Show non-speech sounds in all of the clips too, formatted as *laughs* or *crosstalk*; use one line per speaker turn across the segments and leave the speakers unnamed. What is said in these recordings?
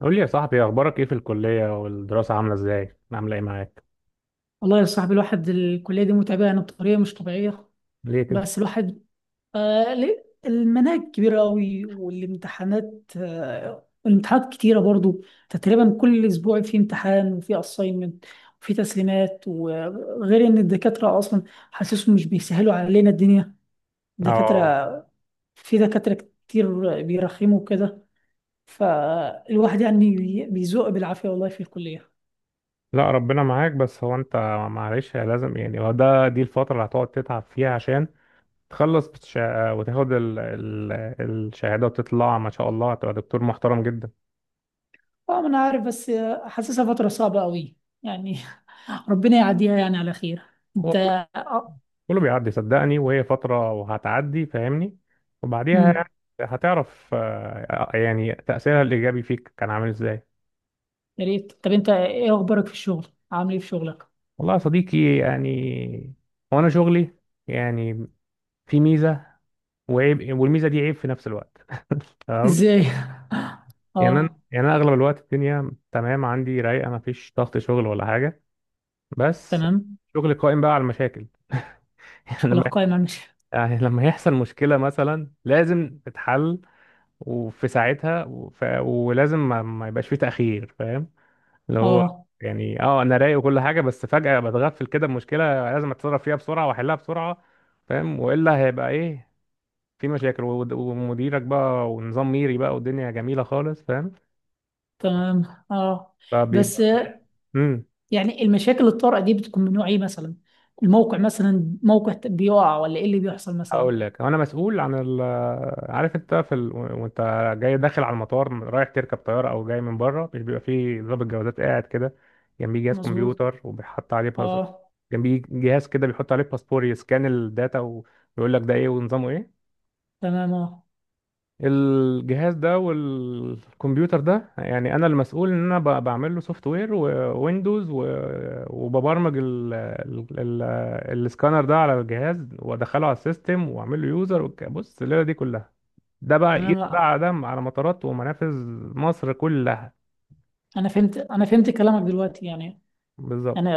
قول لي يا صاحبي، اخبارك ايه في الكليه والدراسه؟ عامله ازاي؟ عامله ايه معاك؟
والله يا صاحبي، الواحد الكلية دي متعبة يعني بطريقة مش طبيعية.
ليه كده؟
بس الواحد، ليه المناهج كبيرة قوي، والامتحانات آه الامتحانات كتيرة برضو. تقريبا كل أسبوع في امتحان وفي أساينمنت وفي تسليمات. وغير إن الدكاترة أصلا حاسسهم مش بيسهلوا علينا الدنيا.
اه.
الدكاترة في دكاترة كتير بيرخموا كده، فالواحد يعني بيزوق بالعافية والله في الكلية.
لا ربنا معاك. بس هو انت، معلش لازم، يعني هو ده، دي الفتره اللي هتقعد تتعب فيها عشان تخلص وتاخد ال... ال... الشهاده، وتطلع ما شاء الله هتبقى دكتور محترم جدا.
طبعا أنا عارف، بس حاسسها فترة صعبة قوي يعني *laughs* ربنا يعديها يعني على خير.
هو
انت
كله،
آه،
كله بيعدي صدقني، وهي فتره وهتعدي فاهمني، وبعديها
امم
يعني هتعرف، آه، يعني تاثيرها الايجابي فيك كان عامل ازاي.
يا ريت. طب انت ايه اخبارك في الشغل؟ عامل ايه في شغلك؟
والله يا صديقي يعني، هو انا شغلي يعني، في ميزه وعيب، والميزه دي عيب في نفس الوقت، تمام.
ازاي؟ *laughs*
يعني انا
اه،
يعني انا اغلب الوقت الدنيا تمام عندي، رايقه، ما فيش ضغط شغل ولا حاجه، بس
تمام.
شغل قائم بقى على المشاكل. *laughs* يعني
شغلك
لما
قائم مش؟
يعني لما يحصل مشكله مثلا لازم تتحل وفي ساعتها، ولازم، ما يبقاش فيه تاخير، فاهم؟ اللي هو
اه،
يعني اه انا رايق وكل حاجه، بس فجاه بتغفل كده بمشكله لازم اتصرف فيها بسرعه واحلها بسرعه، فاهم؟ والا هيبقى ايه. في مشاكل، ومديرك بقى ونظام ميري بقى، والدنيا جميلة خالص، فاهم؟
تمام. اه. بس
فبيبقى. امم
يعني المشاكل الطارئة دي بتكون من نوع ايه مثلا؟ الموقع مثلا موقع بيقع، ولا ايه اللي بيحصل مثلا؟
هقول لك، انا مسؤول عن ال، عارف انت في ال... وانت جاي داخل على المطار رايح تركب طيارة، او جاي من بره، مش بيبقى فيه ضابط جوازات قاعد كده، جنبيه جهاز
مظبوط.
كمبيوتر وبيحط عليه باسبور،
اه،
جنبيه جهاز كده بيحط عليه باسبور يسكان الداتا ويقول لك ده ايه ونظامه ايه؟
تمام. اه،
الجهاز ده والكمبيوتر ده، يعني انا المسؤول ان انا بعمل له سوفت وير وويندوز، وببرمج السكانر ده على الجهاز، وادخله على السيستم، واعمل له يوزر. بص الليله دي كلها ده بقى قيس
تمام. آه.
بقى ده على مطارات ومنافذ مصر كلها.
انا فهمت كلامك دلوقتي. يعني
بالظبط.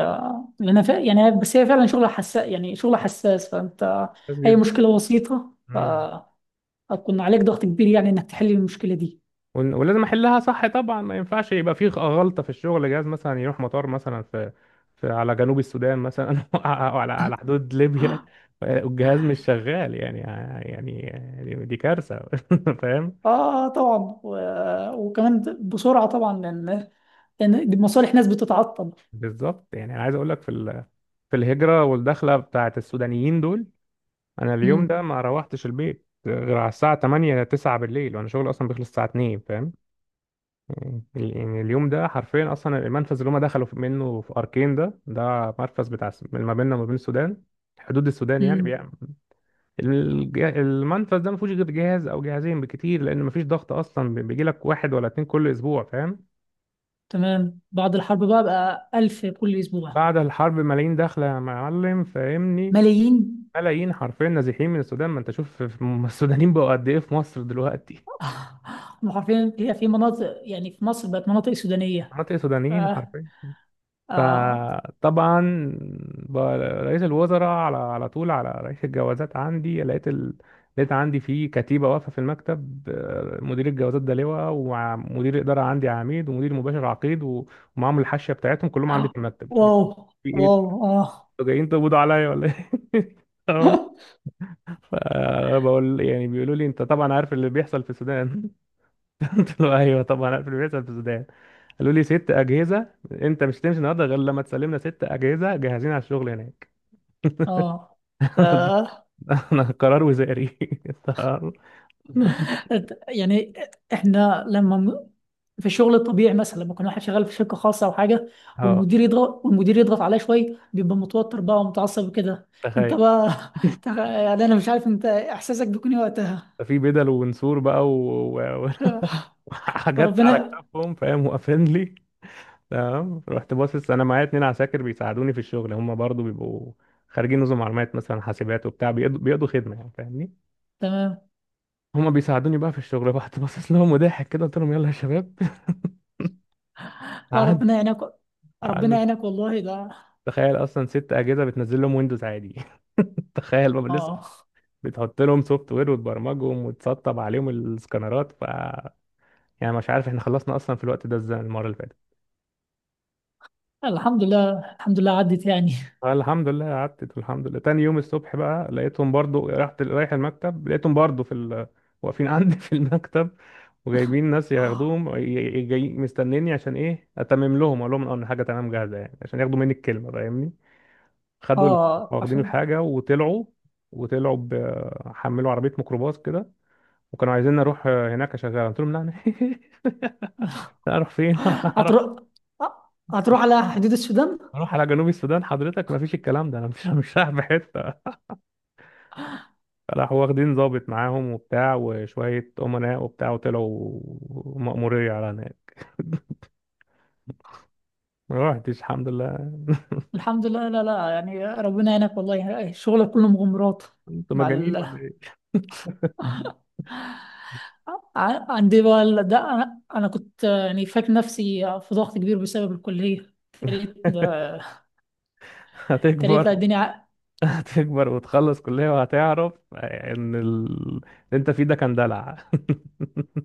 لأن يعني بس هي فعلا شغلة حساس، يعني شغلة حساس، فأنت
بس
أي
جدا.
مشكلة بسيطة
مم.
فهتكون عليك ضغط كبير يعني، إنك تحل المشكلة دي.
ولازم احلها صح طبعا، ما ينفعش يبقى في غلطه في الشغل. جهاز مثلا يروح مطار مثلا في على جنوب السودان مثلا *laughs* او على حدود ليبيا والجهاز مش شغال، يعني يعني دي كارثه. *laughs* فاهم؟
آه، آه، طبعا. و... وكمان بسرعة طبعا، لأن دي مصالح ناس بتتعطل.
بالظبط. يعني انا عايز اقول لك في ال... في الهجره والدخله بتاعت السودانيين دول، انا اليوم ده
امم
ما روحتش البيت غير على الساعه 8 9 بالليل، وانا شغلي اصلا بيخلص الساعه 2، فاهم؟ ال- يعني اليوم ده حرفيا، اصلا المنفذ اللي هم دخلوا منه في اركين ده، ده مرفز بتاع ما بيننا وما بين السودان، حدود السودان يعني،
امم،
بيعمل. المنفذ ده ما فيهوش غير جهاز او جهازين بكتير، لان ما فيش ضغط اصلا، بيجي لك واحد ولا اتنين كل اسبوع، فاهم؟
تمام. بعد الحرب بقى ألف كل أسبوع.
بعد الحرب ملايين داخله يا معلم، فاهمني؟
ملايين.
ملايين حرفيا نازحين من السودان. ما انت شوف السودانيين بقوا قد ايه في مصر دلوقتي.
*laughs* آه، هم حرفيا في مناطق، يعني في مصر بقت مناطق سودانية.
مناطق سودانيين
آه.
حرفيا.
آه.
فطبعا بقى رئيس الوزراء على طول على رئيس الجوازات عندي، لقيت ال... لقيت عندي في كتيبة واقفة في المكتب، آه، مدير الجوازات ده لواء، ومدير الإدارة عندي عميد، ومدير مباشر عقيد، و- ومعاهم الحاشية بتاعتهم كلهم عندي
آه.
في المكتب. *laughs*
واو،
في ايه؟
واو،
انتوا
آه.
جايين تقبضوا عليا ولا ايه؟ *laughs* تمام.
*laughs*
فبقول يعني، بيقولوا لي انت طبعا عارف اللي بيحصل في السودان. *laughs* قلت له ايوه طبعا عارف اللي بيحصل في السودان. قالوا لي ست اجهزه، انت مش هتمشي النهارده غير لما تسلمنا ست اجهزه جاهزين على الشغل هناك.
اه. ف...
*laughs* انا قرار وزاري. *laughs* طب-.
يعني احنا لما م- في الشغل الطبيعي، مثلا لما يكون واحد شغال في شركه خاصه او حاجه،
اه
والمدير يضغط عليه شويه، بيبقى متوتر بقى ومتعصب وكده. انت
تخيل،
بقى *laughs* يعني انا مش عارف انت احساسك بيكون إيه وقتها.
في بدل ونسور بقى و... و...
*laughs* مش-
*laughs* وحاجات على
ربنا.
كتافهم، فاهم؟ واقفين لي. تمام. رحت باصص، انا معايا اتنين عساكر بيساعدوني في الشغل، هم برضو بيبقوا خارجين نظم معلومات مثلا، حاسبات وبتاع، بيقضوا خدمه يعني، فاهمني؟
تمام.
هم بيساعدوني بقى في الشغل. *laughs* رحت باصص لهم وضاحك كده قلت لهم يلا يا شباب. *laughs*
لا،
قعد،
ربنا يعينك. ربنا
قعدنا.
يعينك والله ده.
تخيل اصلا ست اجهزه بتنزل لهم ويندوز عادي، *laughs* تخيل بقى لسه
اه،
بتحط لهم سوفت وير وتبرمجهم وتسطب عليهم السكانرات. ف، يعني مش عارف احنا خلصنا اصلا في الوقت ده ازاي المره اللي فاتت.
الحمد لله، الحمد لله عدت يعني.
الحمد لله قعدت. الحمد لله تاني يوم الصبح بقى لقيتهم برضو، رحت رايح المكتب لقيتهم برضو في ال... واقفين *laughs* عندي في المكتب، وجايبين ناس ياخدوهم، جاي مستنيني عشان ايه؟ اتمم لهم، اقول لهم اه ان حاجه تمام جاهزه يعني، عشان ياخدوا مني الكلمه، فاهمني؟ خدوا ال-،
اه،
واخدين
عشان
الحاجة وطلعوا. وطلعوا حملوا عربية ميكروباص كده، وكانوا عايزين نروح هناك أشغلها. قلت لهم لا أنا *laughs* لا، أروح فين؟ *laughs* أروح
هتروح هتروح على حدود السودان.
أروح على جنوب السودان حضرتك؟ ما فيش الكلام ده، أنا مش رايح في حتة. راحوا واخدين ضابط معاهم وبتاع، وشوية أمناء وبتاع، وطلعوا مأمورية على هناك. ما رحتش الحمد لله.
الحمد لله. لا، لا، يعني ربنا يعينك والله، شغلك كله مغامرات.
انتوا
مع
مجانين
ال...
ولا ايه؟
عندي بقى ده انا كنت يعني فاكر نفسي في ضغط كبير بسبب الكليه. تريت،
*laughs*
تريت، لا
هتكبر.
الدنيا
هتكبر وتخلص كلية، وهتعرف ان ال... اللي انت فيه ده كان دلع. *laughs*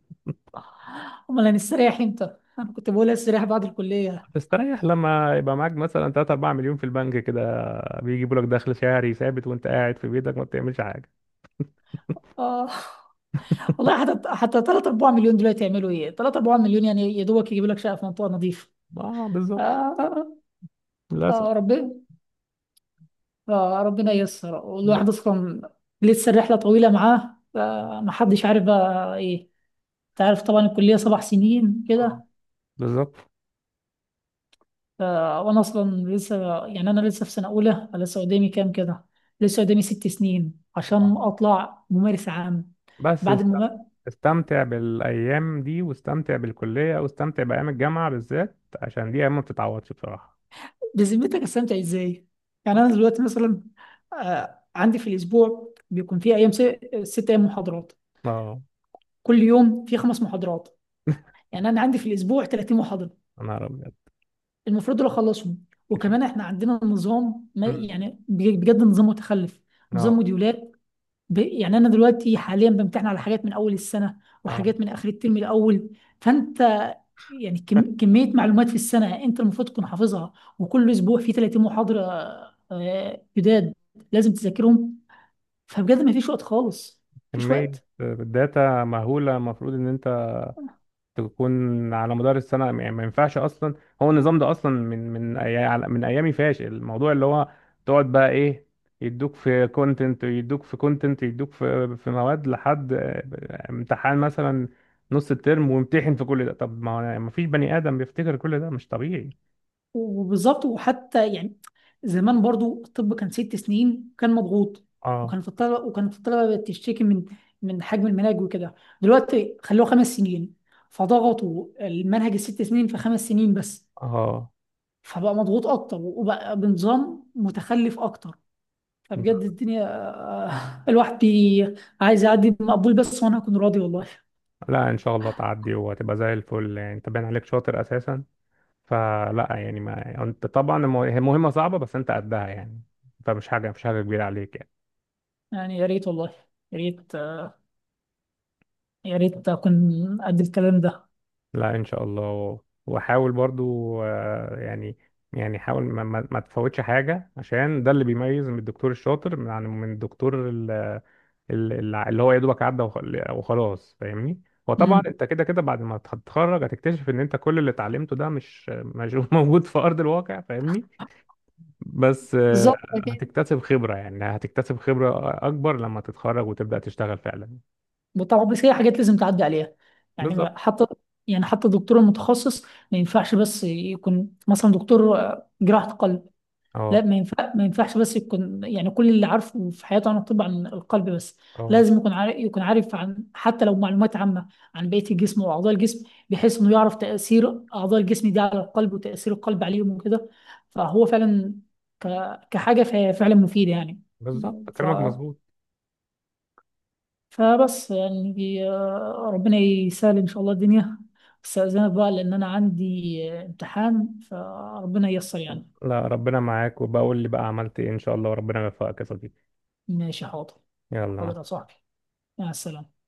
امال هنستريح امتى؟ انا كنت بقول استريح بعد الكليه.
تستريح لما يبقى معاك مثلا 3 4 مليون في البنك كده بيجيبوا لك دخل شهري ثابت وانت قاعد في بيتك ما بتعملش حاجه.
اه، والله حتى 3 4 مليون دلوقتي يعملوا ايه؟ 3 4 مليون يعني يا دوبك يجيبوا لك شقه في منطقه نظيفه.
اه بالظبط.
آه
للاسف.
ربنا. ربنا ييسر.
ب-.
والواحد اصلا لسه الرحله طويله معاه، ما حدش عارف بقى إيه. انت عارف طبعا الكلية 7 سنين
آه،
كده.
بالظبط.
ف- وانا اصلا لسه يعني انا لسه في سنة اولى، لسه قدامي كام كده. لسه قدامي 6 سنين عشان
آه.
اطلع ممارس عام،
بس
بعد
است-
الممارس.
استمتع بالايام دي، واستمتع بالكليه، واستمتع بايام الجامعه بالذات، عشان دي ايام ما بتتعوضش بصراحه.
بذمتك استمتع ازاي؟ يعني انا دلوقتي مثلا عندي في الاسبوع بيكون في ايام، 6 ايام محاضرات،
اه.
كل يوم في 5 محاضرات.
*laughs*
يعني انا عندي في الاسبوع 30 محاضرة
انا ابيض.
المفروض دول اخلصهم.
كتير.
وكمان احنا عندنا نظام، ما
مم.
يعني بجد نظام متخلف، نظام
اه.
موديولات. يعني انا دلوقتي حاليا بمتحن على حاجات من اول السنه
اه.
وحاجات من اخر الترم الاول. فانت يعني كميه معلومات في السنه انت المفروض تكون حافظها، وكل اسبوع في 30 محاضره جداد لازم تذاكرهم. فبجد ما فيش وقت خالص، مفيش
كميه
وقت.
داتا مهوله، المفروض ان انت تكون على مدار السنة، يعني ما ينفعش أصلا. هو النظام ده أصلا من من أيامي فاشل، الموضوع اللي هو تقعد بقى إيه، يدوك في كونتنت، يدوك في كونتنت، يدوك في في مواد لحد، آه، امتحان مثلا نص الترم، وامتحن في كل ده. طب ما ما فيش بني آدم بيفتكر كل ده، مش طبيعي.
وبالظبط. وحتى يعني زمان برضو الطب كان 6 سنين وكان مضغوط،
اه.
وكان في الطلبة بتشتكي من حجم المناهج وكده. دلوقتي خلوه 5 سنين، فضغطوا المنهج الست سنين في 5 سنين بس،
اه.
فبقى مضغوط أكتر وبقى بنظام متخلف أكتر. فبجد الدنيا *laughs* الواحد عايز يعدي مقبول بس وأنا أكون راضي والله.
لا إن شاء الله تعدي، وهتبقى زي الفل، يعني أنت باين عليك شاطر أساسا، فلا يعني، ما انت طبعا المو-، هي مهمة صعبة بس انت قدها يعني، فمش حاجة، مش حاجة كبيرة عليك يعني.
يعني يا ريت والله، يا ريت، يا ريت أكون قد الكلام ده.
لا ان شاء الله. وحاول برضو، آه، يعني يعني حاول ما تفوتش حاجة، عشان ده اللي بيميز من الدكتور الشاطر عن الدكتور ال- اللي هو يا دوبك عدى وخلاص، فاهمني؟ وطبعا
مم.
انت كده كده بعد ما تتخرج هتكتشف ان انت كل اللي اتعلمته ده مش *laughs* موجود في ارض الواقع، فاهمني؟ بس آه،
بالظبط.
هتكتسب خبرة، يعني هتكتسب خبرة أكبر لما تتخرج وتبدأ تشتغل فعلا.
طبعا، بس هي حاجات لازم تعدي عليها.
بالظبط.
يعني حتى يعني حتى الدكتور المتخصص ما ينفعش بس يكون مثلا دكتور جراحة قلب. لا،
اه.
ما ينفعش بس يكون يعني كل اللي عارفه في حياته عن الطب، عن القلب بس.
اه
لازم يكون عارف عن حتى لو معلومات عامة عن بقية الجسم وأعضاء الجسم، بحيث إنه يعرف تأثير أعضاء الجسم دي على القلب وتأثير القلب عليهم وكده. فهو فعلا كحاجة، فهي فعلا مفيدة يعني.
بالظبط
ف
كلامك مظبوط.
فبس يعني ربنا يسهل إن شاء الله الدنيا. استأذنك بقى لأن أنا عندي امتحان، فربنا ييسر يعني.
لا ربنا معاك، وبقول لي بقى عملت ايه إن شاء الله، وربنا يوفقك يا صديقي.
ماشي، حاضر.
يلا، مع
حاضر يا
السلامة.
صاحبي، مع السلامة.